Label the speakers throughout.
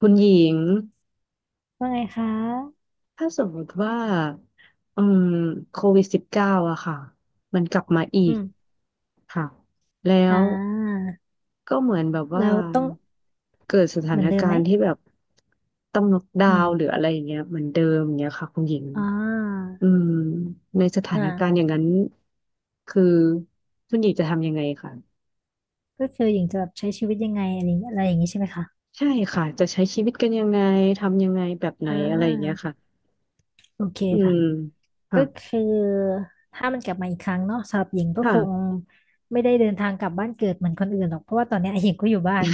Speaker 1: คุณหญิง
Speaker 2: ว่าไงคะ
Speaker 1: ถ้าสมมติว่าอืมCOVID-19อะค่ะมันกลับมาอี
Speaker 2: อื
Speaker 1: ก
Speaker 2: ม
Speaker 1: ค่ะแล้
Speaker 2: อ่
Speaker 1: ว
Speaker 2: า
Speaker 1: ก็เหมือนแบบ
Speaker 2: แล้
Speaker 1: ว่า
Speaker 2: วต้อง
Speaker 1: เกิดสถา
Speaker 2: เหมือ
Speaker 1: น
Speaker 2: นเดิม
Speaker 1: กา
Speaker 2: ไหม
Speaker 1: รณ์ที่แบบต้องล็อกดา
Speaker 2: อื
Speaker 1: วน์หรือ
Speaker 2: ม
Speaker 1: อะไรอย่างเงี้ยเหมือนเดิมอย่างเงี้ยค่ะคุณหญิง
Speaker 2: อ่า
Speaker 1: อืมในสถา
Speaker 2: อ่
Speaker 1: นการณ์อ
Speaker 2: า
Speaker 1: ย่างนั้นคือคุณหญิงจะทำยังไงค่ะ
Speaker 2: ก็คือหญิงจะแบบใช้ชีวิตยังไงอะไรอย่างอะไรอย่างนี้ใช่ไหมคะ
Speaker 1: ใช่ค่ะจะใช้ชีวิตกันยังไงทำยังไงแบบไหน
Speaker 2: อ่
Speaker 1: อะไรอย่างเงี้ย
Speaker 2: า
Speaker 1: ค่ะ
Speaker 2: โอเค
Speaker 1: อื
Speaker 2: ค่ะ
Speaker 1: ม
Speaker 2: ก็
Speaker 1: ค่ะ
Speaker 2: คือถ้ามันกลับมาอีกครั้งเนาะสำหรับหญิงก็คง
Speaker 1: ค่ะ
Speaker 2: ไม่ได้เดินทางกลับบ้านเกิดเหมือนคนอื่นหรอกเพราะว่าตอนเนี้ยหญิงก็อยู่บ้าน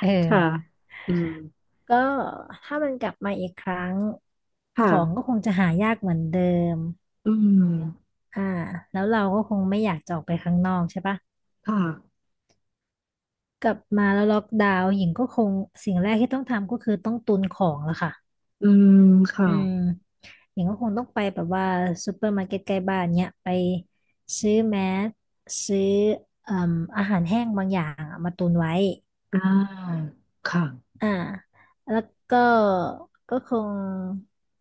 Speaker 2: เอ
Speaker 1: ค่ะ
Speaker 2: อ
Speaker 1: อืม
Speaker 2: ก็ถ้ามันกลับมาอีกครั้งข
Speaker 1: ค่ะ
Speaker 2: องก็คงจะหายากเหมือนเดิม
Speaker 1: อืม
Speaker 2: อ่าแล้วเราก็คงไม่อยากจะออกไปข้างนอกใช่ปะ
Speaker 1: ค่ะ
Speaker 2: กลับมาแล้วล็อกดาวน์หญิงก็คงสิ่งแรกที่ต้องทำก็คือต้องตุนของแล้วค่ะ
Speaker 1: อืมค่ะ
Speaker 2: อืมหญิงก็คงต้องไปแบบว่าซูเปอร์มาร์เก็ตใกล้บ้านเนี้ยไปซื้อแมสซื้อเอ่มอาหารแห้งบางอย่างอะมาตุนไว้
Speaker 1: อ่าค่ะ
Speaker 2: อ่าแล้วก็ก็คง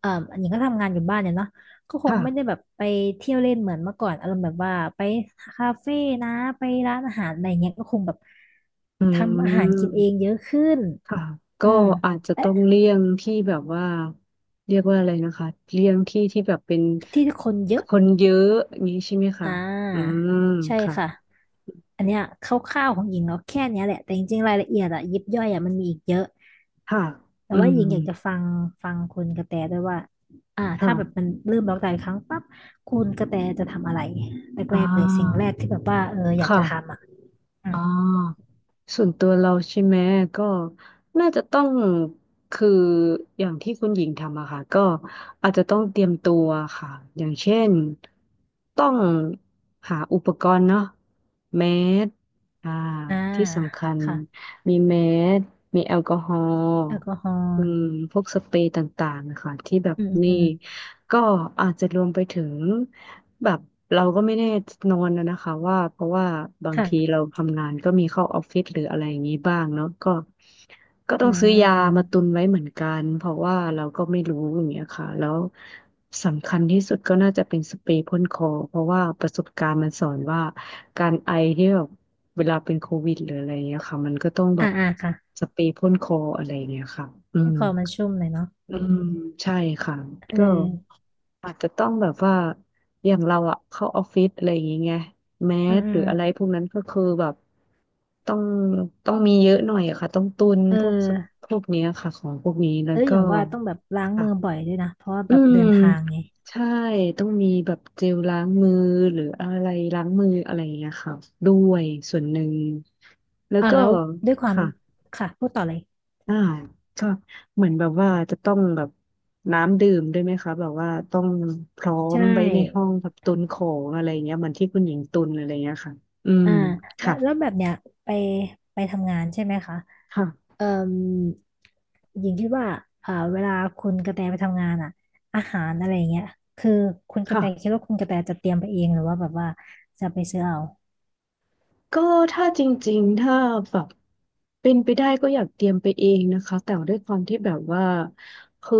Speaker 2: อันนี้ก็ทำงานอยู่บ้านเนี่ยเนาะก็คงไม่ได้แบ
Speaker 1: ค่ะ
Speaker 2: บไปเที่ยวเล่นเหมือนเมื่อก่อนอารมณ์แบบว่าไปคาเฟ่นะไปร้านอาหารอะไรเงี้ยก็คงแบบ
Speaker 1: อื
Speaker 2: ทำอาหารกินเอง
Speaker 1: ม
Speaker 2: เยอะขึ้น
Speaker 1: ค่ะก็
Speaker 2: อืม
Speaker 1: อาจจะต้อ
Speaker 2: เอ๊ะ
Speaker 1: งเลี่ยงที่แบบว่าเรียกว่าอะไรนะคะเลี่ยงที่ที่แบบเป็น
Speaker 2: ที่คนเยอะ
Speaker 1: คนเยอะอย่างนี้ใช่ไหมคะ
Speaker 2: อ่า
Speaker 1: อืม
Speaker 2: ใช่
Speaker 1: ค่ะ
Speaker 2: ค่ะอันเนี้ยคร่าวๆของหญิงเราะแค่เนี้ยแหละแต่จริงๆรายละเอียดอะยิบย่อยอะมันมีอีกเยอะ
Speaker 1: ค่ะ
Speaker 2: แต่
Speaker 1: อื
Speaker 2: ว่าห
Speaker 1: ม
Speaker 2: ญิงอยากจะฟังฟังคุณกระแตด้วยว่าถ้าแบบมั
Speaker 1: ค่ะ
Speaker 2: นเริ่มบล็อกไดาอีกครั้งปั๊บคุณกระแตจะทำอะไร
Speaker 1: อ่
Speaker 2: แรกๆเลยสิ่งแร
Speaker 1: า
Speaker 2: กที่แบบว่าเอออยากจะทำ
Speaker 1: ค่ะ
Speaker 2: อ่ะอื
Speaker 1: อ่
Speaker 2: ม
Speaker 1: า ส่วนตัวเราใช่ไหมก็น่าจะต้องคืออย่างที่คุณหญิงทำอะค่ะก็อาจจะต้องเตรียมตัวค่ะอย่างเช่นต้องหาอุปกรณ์เนาะแมสอ่า
Speaker 2: อ่า
Speaker 1: ที่สำคัญ
Speaker 2: ค่ะ
Speaker 1: มีแมสมีแอลกอฮอล์
Speaker 2: แอลกอฮอ
Speaker 1: อื
Speaker 2: ล์
Speaker 1: มพวกสเปรย์ต่างๆนะคะที่แบบ
Speaker 2: อืมอื
Speaker 1: นี่
Speaker 2: ม
Speaker 1: ก็อาจจะรวมไปถึงแบบเราก็ไม่แน่นอนนะคะว่าเพราะว่าบางที
Speaker 2: ค่ะ
Speaker 1: เราทำงานก็มีเข้าออฟฟิศหรืออะไรอย่างนี้บ้างเนาะก็ก็ต้
Speaker 2: อื
Speaker 1: อง
Speaker 2: ม
Speaker 1: ซื้อยา
Speaker 2: อ
Speaker 1: มาตุ
Speaker 2: ม
Speaker 1: นไว้เหมือนกันเพราะว่าเราก็ไม่รู้อย่างเงี้ยค่ะแล้วสำคัญที่สุดก็น่าจะเป็นสเปรย์พ่นคอเพราะว่าประสบการณ์มันสอนว่าการไอที่แบบเวลาเป็นโควิดหรืออะไรอย่างเงี้ยค่ะมันก็ต้องแบบ
Speaker 2: ค่ะ
Speaker 1: สเปรย์พ่นคออะไรอย่างเงี้ยค่ะอื
Speaker 2: ให้
Speaker 1: ม
Speaker 2: คอมันชุ่มหน่อยเนาะ
Speaker 1: อืมใช่ค่ะ
Speaker 2: เอ
Speaker 1: ก็
Speaker 2: อ
Speaker 1: อาจจะต้องแบบว่าอย่างเราอะเข้าออฟฟิศอะไรอย่างเงี้ยแม
Speaker 2: อืม
Speaker 1: ส
Speaker 2: อื
Speaker 1: หรื
Speaker 2: ม
Speaker 1: ออะไรพวกนั้นก็คือแบบต้องต้องมีเยอะหน่อยอะค่ะต้องตุน
Speaker 2: เออ
Speaker 1: พวกสพวกเนี้ยค่ะของพวกนี้แล้
Speaker 2: เอ
Speaker 1: ว
Speaker 2: ออ
Speaker 1: ก็
Speaker 2: ย่างว่าต้องแบบล้างมือบ่อ
Speaker 1: ค่ะ
Speaker 2: ยด้วยนะเพราะว่า
Speaker 1: อื
Speaker 2: แบบ
Speaker 1: ม
Speaker 2: เดินทางไง
Speaker 1: ใช่ต้องมีแบบเจลล้างมือหรืออะไรล้างมืออะไรอย่างเงี้ยค่ะด้วยส่วนหนึ่งแล้วก็
Speaker 2: แล้วด้วยความ
Speaker 1: ค่ะ
Speaker 2: ค่ะพูดต่อเลย
Speaker 1: อ่าชอบเหมือนแบบว่าจะต้องแบบน้ำดื่มด้วยไหมคะแบบว่าต้องพร้อม
Speaker 2: ใช่
Speaker 1: ไว้ในห้องแบบตุนของอะไรเงี้ยเหมือนที่คุณหญิงตุนอะไรเงี้ยค่ะอืม
Speaker 2: อ่าแล้ว
Speaker 1: ค่ะ
Speaker 2: แล้วแบบเนี้ยไปไปทำงานใช่ไหมคะ
Speaker 1: ค่ะ
Speaker 2: เอ่มหญิงคิดว่าเวลาคุณกระแตไปทำงานอ่ะอาหารอะไรอย่างเงี้ยคือคุณกระแตคิด
Speaker 1: ค่ะ
Speaker 2: ว่าคุณกระแตจะเตรียมไปเองหรือว่าแบบว่าจะไปซื้อเอา
Speaker 1: ก็ถ้าจริงๆ ถ้าแบบเป็นไปได้ก็อยากเตรียมไปเองนะคะแต่ด้วยความที่แบบว่าคือ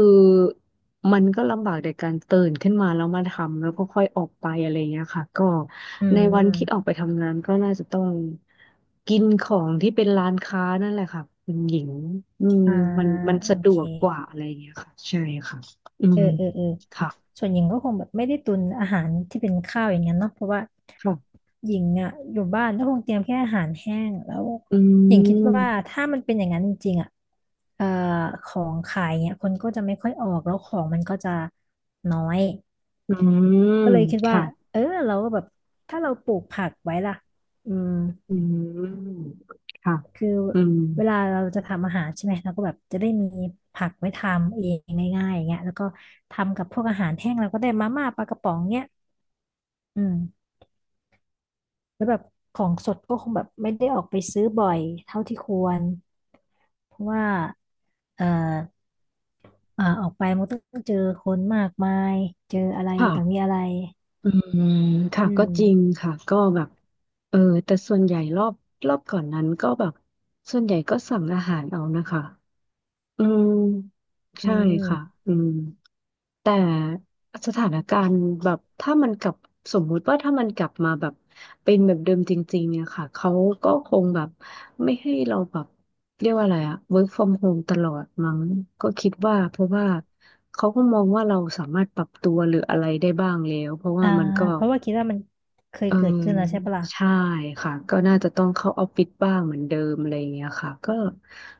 Speaker 1: มันก็ลำบากในการตื่นขึ้นมาแล้วมาทำแล้วก็ค่อยออกไปอะไรเงี้ยค่ะก็
Speaker 2: อื
Speaker 1: ในวันที่ออก
Speaker 2: ม
Speaker 1: ไปทำงานก็น่าจะต้องกินของที่เป็นร้านค้านั่นแหละค่ะคุณหญิงอืม
Speaker 2: อ่า
Speaker 1: มัน
Speaker 2: โอ
Speaker 1: สะด
Speaker 2: เค
Speaker 1: วกกว่าอะไรเงี้ยค่ะใช่ค่ะอื
Speaker 2: เอ
Speaker 1: ม
Speaker 2: อเออเออ
Speaker 1: ค่ะ
Speaker 2: ส่วนหญิงก็คงแบบไม่ได้ตุนอาหารที่เป็นข้าวอย่างเงี้ยเนาะเพราะว่า
Speaker 1: ค่ะ
Speaker 2: หญิงอ่ะอยู่บ้านก็คงเตรียมแค่อาหารแห้งแล้ว
Speaker 1: อื
Speaker 2: หญิงคิดว่า
Speaker 1: ม
Speaker 2: ถ้ามันเป็นอย่างนั้นจริงๆอ่ะเอ่อของขายเนี่ยคนก็จะไม่ค่อยออกแล้วของมันก็จะน้อย
Speaker 1: อืม
Speaker 2: ก็เลยคิดว่า
Speaker 1: ค่ะ
Speaker 2: เออเราก็แบบถ้าเราปลูกผักไว้ล่ะอืม
Speaker 1: อืมค่ะ
Speaker 2: คือ
Speaker 1: อืม
Speaker 2: เวลาเราจะทำอาหารใช่ไหมเราก็แบบจะได้มีผักไว้ทำเองง่ายๆอย่างเงี้ยแล้วก็ทำกับพวกอาหารแห้งเราก็ได้มาม่าปลากระป๋องเงี้ยอืมแล้วแบบของสดก็คงแบบไม่ได้ออกไปซื้อบ่อยเท่าที่ควรเพราะว่าเอ่อออกไปมันก็ต้องเจอคนมากมายเจออะไร
Speaker 1: ค่ะ
Speaker 2: ต่างมีอะไร
Speaker 1: อืมค่ะ
Speaker 2: อื
Speaker 1: ก็
Speaker 2: ม
Speaker 1: จริงค่ะก็แบบเออแต่ส่วนใหญ่รอบก่อนนั้นก็แบบส่วนใหญ่ก็สั่งอาหารเอานะคะอืม
Speaker 2: อื
Speaker 1: ใช่ค่ะ
Speaker 2: ม
Speaker 1: อืม แต่สถานการณ์แบบถ้ามันกลับสมมุติว่าถ้ามันกลับมาแบบเป็นแบบเดิมจริงๆเนี่ยค่ะเขาก็คงแบบไม่ให้เราแบบเรียกว่าอะไรอะ work from home ตลอดมั้งก็คิดว่าเพราะว่าเขาก็มองว่าเราสามารถปรับตัวหรืออะไรได้บ้างแล้วเพราะว่า
Speaker 2: อ่า
Speaker 1: มันก็
Speaker 2: เพราะว่าคิดว่ามันเคย
Speaker 1: เออ
Speaker 2: เกิดขึ้นแล้วใช่ปะล่ะ
Speaker 1: ใช่ค่ะก็น่าจะต้องเข้าออฟฟิศบ้างเหมือนเดิมอะไรอย่างเงี้ยค่ะ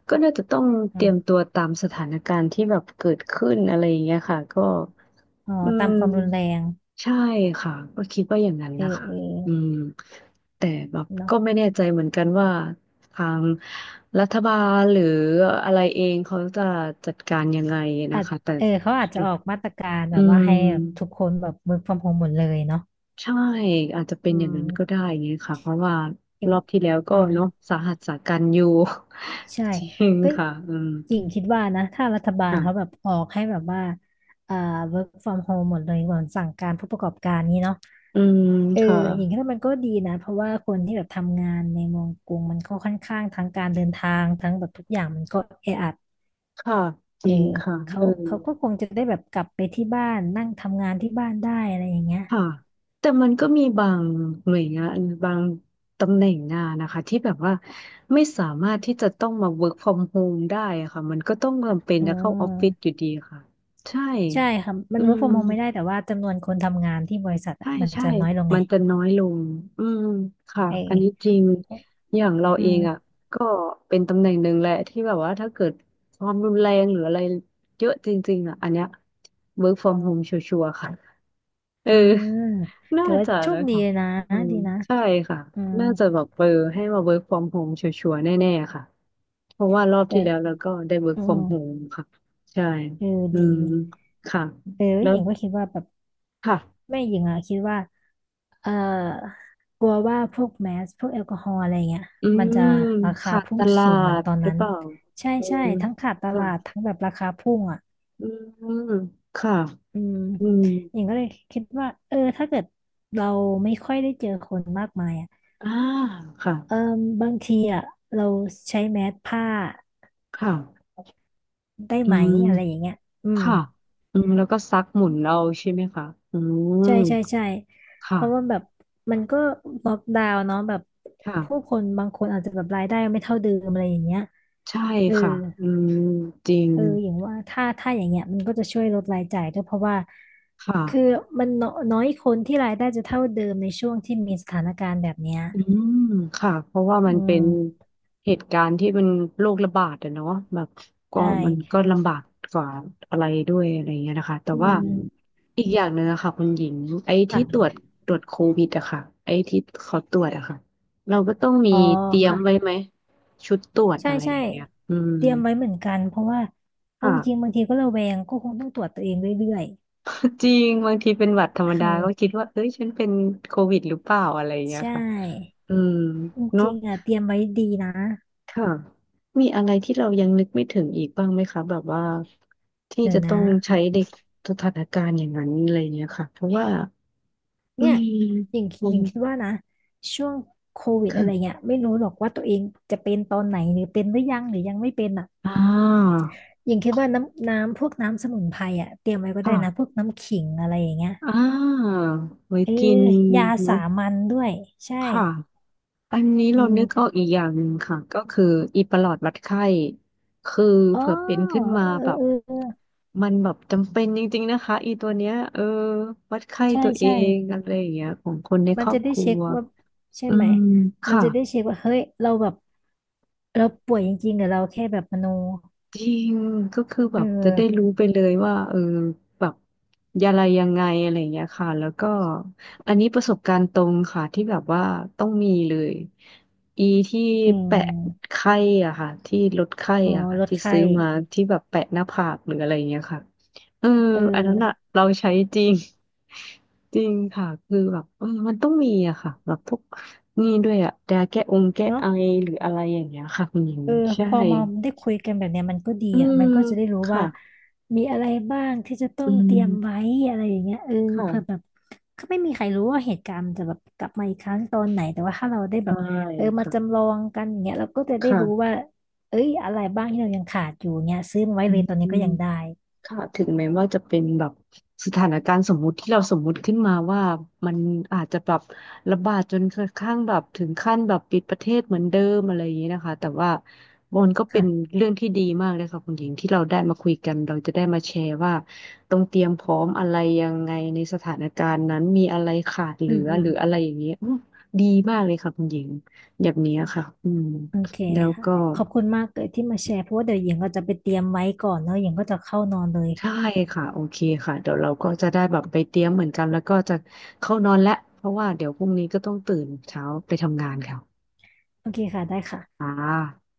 Speaker 1: ก็น่าจะต้องเต
Speaker 2: อื
Speaker 1: รียมตั
Speaker 2: ม
Speaker 1: วตามสถานการณ์ที่แบบเกิดขึ้นอะไรอย่างเงี้ยค่ะก็
Speaker 2: อ๋อ
Speaker 1: อื
Speaker 2: ตาม
Speaker 1: ม
Speaker 2: ความรุนแรง
Speaker 1: ใช่ค่ะก็คิดว่าอย่างนั้น
Speaker 2: เออ
Speaker 1: นะคะ
Speaker 2: เอ
Speaker 1: อื
Speaker 2: อ
Speaker 1: มแต่แบบ
Speaker 2: เนาะ
Speaker 1: ก็ไม่แน่ใจเหมือนกันว่าทางรัฐบาลหรืออะไรเองเขาจะจัดการยังไง
Speaker 2: อา
Speaker 1: นะ
Speaker 2: จ
Speaker 1: คะแต่
Speaker 2: เออเขาอาจจะออกมาตรการ
Speaker 1: อื
Speaker 2: แบบว่าให้แบบทุก
Speaker 1: ม
Speaker 2: คนแบบ work from home หมดเลยเนาะ
Speaker 1: ใช่อาจจะเป็
Speaker 2: อื
Speaker 1: นอย่าง
Speaker 2: ม
Speaker 1: นั้นก็ได้ไงค่ะเพราะว่า
Speaker 2: อย่า
Speaker 1: ร
Speaker 2: ง
Speaker 1: อบที่แล้วก็
Speaker 2: อืม
Speaker 1: เนาะสาหัสสากันอยู่
Speaker 2: ใช่
Speaker 1: จริง
Speaker 2: ก็
Speaker 1: ค่ะอืม
Speaker 2: หญิงคิดว่านะถ้ารัฐบาลเขาแบ
Speaker 1: ค่ะ
Speaker 2: บออกให้แบบว่าเอ่อ work from home หมดเลยเหมือนสั่งการผู้ประกอบการนี้เนาะ
Speaker 1: อืม
Speaker 2: เออ
Speaker 1: ค่ะ
Speaker 2: หญิงคิดว่ามันก็ดีนะเพราะว่าคนที่แบบทำงานในเมืองกรุงมันก็ค่อนข้างทั้งการเดินทางทั้งแบบทุกอย่างมันก็แออัด
Speaker 1: ค่ะจ
Speaker 2: เออ
Speaker 1: ริงค่ะ
Speaker 2: เขา
Speaker 1: เออ
Speaker 2: เขาก็คงจะได้แบบกลับไปที่บ้านนั่งทำงานที่บ้านได้อะไรอย่างเงี้ย
Speaker 1: ค่ะแต่มันก็มีบางหน่วยงานบางตำแหน่งงานนะคะที่แบบว่าไม่สามารถที่จะต้องมา work from home ได้อะค่ะมันก็ต้องจำเป็น
Speaker 2: อื
Speaker 1: จะเข้าออฟฟิศอ
Speaker 2: ม
Speaker 1: ยู่ดีค่ะใช่
Speaker 2: ใช่ค่ะมั
Speaker 1: อื
Speaker 2: น work
Speaker 1: ม
Speaker 2: from home ไม่ได้แต่ว่าจำนวนคนทำงานที่บริษัทอะมัน
Speaker 1: ใช่
Speaker 2: จะน้อยลงไง
Speaker 1: มันจะน้อยลงอืมค่ะ
Speaker 2: เอ
Speaker 1: อันนี้
Speaker 2: อ
Speaker 1: จริงอย่างเรา
Speaker 2: อื
Speaker 1: เองอ่ะ
Speaker 2: ม
Speaker 1: ก็เป็นตำแหน่งหนึ่งแหละที่แบบว่าถ้าเกิดความรุนแรงหรืออะไรเยอะจริงๆอ่ะอันเนี้ย work from home ชัวร์ๆค่ะ เออ
Speaker 2: อ่า
Speaker 1: น่า
Speaker 2: แต่ว่า
Speaker 1: จะ
Speaker 2: โชค
Speaker 1: นะ
Speaker 2: ดี
Speaker 1: คะ
Speaker 2: เลยนะ
Speaker 1: อืม
Speaker 2: ดีนะ
Speaker 1: ใช่ค่ะ
Speaker 2: อืม
Speaker 1: น่าจะแบบเออให้มา work from home ชัวร์ๆแน่ๆค่ะเพราะว่ารอบ
Speaker 2: แต่
Speaker 1: ที่แล้วเราก็ได้ work
Speaker 2: อืม
Speaker 1: from home ค่ะใช่
Speaker 2: เออ
Speaker 1: อื
Speaker 2: ดี
Speaker 1: มค่ะ
Speaker 2: เออ
Speaker 1: แล้
Speaker 2: ห
Speaker 1: ว
Speaker 2: ญิงก็คิดว่าแบบ
Speaker 1: ค่ะ
Speaker 2: แม่หญิงอะคิดว่าเออกลัวว่าพวกแมสพวกแอลกอฮอล์อะไรเงี้ย
Speaker 1: อื
Speaker 2: มัน
Speaker 1: ม
Speaker 2: จะราคา
Speaker 1: ขาด
Speaker 2: พุ่
Speaker 1: ต
Speaker 2: ง
Speaker 1: ลา
Speaker 2: สูงเหมือน
Speaker 1: ด
Speaker 2: ตอน
Speaker 1: หรือ
Speaker 2: นั้น
Speaker 1: เปล่า
Speaker 2: ใช่
Speaker 1: เออ
Speaker 2: ใช่ทั้งขาดต
Speaker 1: ค่ะ
Speaker 2: ลาดทั้งแบบราคาพุ่งอะ
Speaker 1: อืมค่ะ
Speaker 2: อืม
Speaker 1: อืม
Speaker 2: หญิงก็เลยคิดว่าเออถ้าเกิดเราไม่ค่อยได้เจอคนมากมายอ่ะ
Speaker 1: อ่าค่ะ
Speaker 2: เอมบางทีอ่ะเราใช้แมสผ้า
Speaker 1: ค่ะ
Speaker 2: ได้
Speaker 1: อื
Speaker 2: ไหมอะไรอย่าง
Speaker 1: ม
Speaker 2: เงี้ยอืม
Speaker 1: ค่ะอืมแล้วก็ซักหมุนเอาใช่ไหมคะอืม
Speaker 2: ใช่ใช่ใช่เพราะว่า
Speaker 1: ค่ะ
Speaker 2: แบบมันก็ล็อกดาวน์เนาะแบบผู้ค
Speaker 1: ค่ะ
Speaker 2: นบางคนอาจจะแบบรายได้ไม่เท่าเดิมอะไรอย่างเงี้ย
Speaker 1: ใช่
Speaker 2: เออ
Speaker 1: ค่ะอืมจริง
Speaker 2: เอออย่างว่าถ้าถ้าอย่างเงี้ยมันก็จะช่วยลดรายจ่ายด้วยเพราะว่าคือ
Speaker 1: ค่ะ
Speaker 2: มันน้อยน้อยคนที่รายได้จะเท่าเดิมในช่วงที่มีสถานการณ์แบบเนี้ย
Speaker 1: อืมค่ะ เพราะว่า
Speaker 2: อื
Speaker 1: มันเป็
Speaker 2: ม
Speaker 1: นเหตุการณ์ที่มันโรคระบาดอะเนาะแบบก็
Speaker 2: ได้
Speaker 1: มันก็ลำบากกว่าอะไรด้วยอะไรเงี้ยนะคะแต่
Speaker 2: อื
Speaker 1: ว่า
Speaker 2: ม
Speaker 1: อีกอย่างหนึ่งอะค่ะคุณหญิงไอ้ที่ตรว
Speaker 2: ค่ะ
Speaker 1: จตรวจโควิดอะค่ะไอ้ที่เขาตรวจอะค่ะเราก็ต้องมี
Speaker 2: อ๋อ
Speaker 1: เตรียม
Speaker 2: ค่ะ
Speaker 1: ไว้ไหมชุดตรวจ
Speaker 2: ใช่
Speaker 1: อะไรอ
Speaker 2: ใช่
Speaker 1: ย่างเงี้ยอืม
Speaker 2: เตรียมไว้เหมือนกันเพราะว่าเอา
Speaker 1: ค่ะ
Speaker 2: จริงๆบางทีก็ระแวงก็คงต้องตรวจตัวเองเรื่อย
Speaker 1: จริงบางทีเป็นหวัดธรรม
Speaker 2: ๆ
Speaker 1: ดาก็
Speaker 2: เอ
Speaker 1: คิด
Speaker 2: อ
Speaker 1: ว่าเอ้ยฉันเป็นโควิดหรือเปล่าอะไรอย่างเงี้
Speaker 2: ใช
Speaker 1: ยค่ะ
Speaker 2: ่
Speaker 1: อืม
Speaker 2: จ
Speaker 1: เนอะ
Speaker 2: ริงๆอ่ะเตรียมไว้ดีนะ
Speaker 1: ค่ะมีอะไรที่เรายังนึกไม่ถึงอีกบ้างไหมคะแบบว่าที่
Speaker 2: เดี๋ย
Speaker 1: จะ
Speaker 2: วนะ
Speaker 1: ต้องใช้ในสถานการณ์อย่างนั้นอะไรเงี้ยค่ะเพราะว่าอื
Speaker 2: เนี่ย
Speaker 1: ม
Speaker 2: หญิง
Speaker 1: มั
Speaker 2: หญิ
Speaker 1: น
Speaker 2: งคิดว่านะ ช่วงโควิดอะไรเงี้
Speaker 1: ค่ะ
Speaker 2: ยไม่รู้หรอกว่าตัวเองจะเป็นตอนไหนหรือเป็นหรือยังหรือยังไม่เป็นอ่ะ
Speaker 1: อ่า
Speaker 2: หญิงคิดว่าน้ำน้ำพวกน้ำสมุนไพรอ่ะเตรียมไว้ก็ได้นะพ
Speaker 1: ค่ะ
Speaker 2: วกน้ำขิงอะไรอย่างเงี้ย
Speaker 1: อ่าไว้
Speaker 2: เออ
Speaker 1: กิน
Speaker 2: ยาสา
Speaker 1: เนาะ
Speaker 2: มัญด้วยใช่
Speaker 1: ค่ะ อันนี้
Speaker 2: อื
Speaker 1: เรานึกออ
Speaker 2: ม
Speaker 1: กอีกอย่างหนึ่งค่ะก็คืออีประหลอดวัดไข้คือ
Speaker 2: อ๋อ
Speaker 1: เผื่อเป็นขึ้นมา
Speaker 2: เออ
Speaker 1: แบบ
Speaker 2: เออเออ
Speaker 1: มันแบบจำเป็นจริงๆนะคะอีตัวเนี้ยเออวัดไข้
Speaker 2: ใช่
Speaker 1: ตัวเอ
Speaker 2: ใช่
Speaker 1: งอะไรอย่างเงี้ยของคนในค
Speaker 2: มัน
Speaker 1: รอ
Speaker 2: จะ
Speaker 1: บค
Speaker 2: ได้
Speaker 1: รั
Speaker 2: เช็
Speaker 1: ว
Speaker 2: คว่าใช่
Speaker 1: อื
Speaker 2: ไหม
Speaker 1: ม
Speaker 2: มัน
Speaker 1: ค่ะ
Speaker 2: จะได้เช็คว่าเฮ้ยเราแบบเราป่วยจริงๆหรือเราแค่แบบมโน
Speaker 1: จริงก็คือแบ
Speaker 2: เอ
Speaker 1: บจะได้
Speaker 2: อ
Speaker 1: รู้ไปเลยว่าเออแบบอะไรยังไงอะไรอย่างเงี้ยค่ะแล้วก็อันนี้ประสบการณ์ตรงค่ะที่แบบว่าต้องมีเลยอีที่
Speaker 2: อื
Speaker 1: แปะ
Speaker 2: ม
Speaker 1: ไข้อ่ะค่ะที่ลดไข้
Speaker 2: อ๋อ
Speaker 1: อ่ะค่ะ
Speaker 2: ลด
Speaker 1: ที่
Speaker 2: ไข้
Speaker 1: ซื้อมาที่แบบแปะหน้าผากหรืออะไรอย่างเงี้ยค่ะเออ
Speaker 2: เอ
Speaker 1: อันนั้นอะ
Speaker 2: อ
Speaker 1: เราใช้จริง จริงค่ะคือแบบเออมันต้องมีอะค่ะแบบพวกนี่ด้วยอะแดแก้องแก้
Speaker 2: เนาะ
Speaker 1: ไอหรืออะไรอย่างเงี้ยค่ะคุณหญิง
Speaker 2: เออ
Speaker 1: ใช่
Speaker 2: พอมาได้คุยกันแบบเนี้ยมันก็ดี
Speaker 1: อื
Speaker 2: อ่ะ
Speaker 1: ม
Speaker 2: มันก็จะได้รู้
Speaker 1: ค่ะ
Speaker 2: ว่ามีอะไรบ้างที่จะต้อ
Speaker 1: อื
Speaker 2: งเตรียมไว้
Speaker 1: ม
Speaker 2: อะไรอย่างเงี้ยเออ
Speaker 1: ค่ะ
Speaker 2: เผื่อแบบ ก็ไม่มีใครรู้ว่าเหตุการณ์มันจะแบบกลับมาอีกครั้งตอนไหนแต่ว่าถ้าเราได้แบ
Speaker 1: ได้
Speaker 2: บเออมาจำ
Speaker 1: ค่ะ
Speaker 2: ลองกันอย่างเงี้ยเราก็จะได้รู้ว่า
Speaker 1: ค่ะ
Speaker 2: เอ้ยอะไรบ้างที่เรายังขาดอยู่เงี้ยซื้อมาไว้
Speaker 1: อื
Speaker 2: เลยตอนนี้ก็
Speaker 1: ม
Speaker 2: ยังได้
Speaker 1: ค่ะถึงแม้ว่าจะเป็นแบบสถานการณ์สมมุติที่เราสมมุติขึ้นมาว่ามันอาจจะแบบระบาดจนกระทั่งแบบถึงขั้นแบบปิดประเทศเหมือนเดิมอะไรอย่างนี้นะคะแต่ว่ามันก็เป็น
Speaker 2: ค่ะ
Speaker 1: เรื่องที่ดีมากเลยค่ะคุณหญิงที่เราได้มาคุยกันเราจะได้มาแชร์ว่าต้องเตรียมพร้อมอะไรยังไงในสถานการณ์นั้นมีอะไรขาดเห
Speaker 2: อื
Speaker 1: ลื
Speaker 2: ม
Speaker 1: อ
Speaker 2: อืม
Speaker 1: หรืออะไรอย่างนี้ยอื้อดีมากเลยค่ะคุณหญิงแบบเนี้ยค่ะอืม
Speaker 2: โอเค
Speaker 1: แล้ว
Speaker 2: ค่ะ
Speaker 1: ก็
Speaker 2: ขอบคุณมากเลยที่มาแชร์เพราะว่าเดี๋ยวหญิงก็จะไปเตรียมไว้ก่อนเนอะหญิงก็จะเข้านอนเลย
Speaker 1: ใช่ค่ะโอเคค่ะเดี๋ยวเราก็จะได้แบบไปเตรียมเหมือนกันแล้วก็จะเข้านอนแล้วเพราะว่าเดี๋ยวพรุ่งนี้ก็ต้องตื่นเช้าไปทำงานค่ะ
Speaker 2: โอเคค่ะได้ค่ะ
Speaker 1: อ่า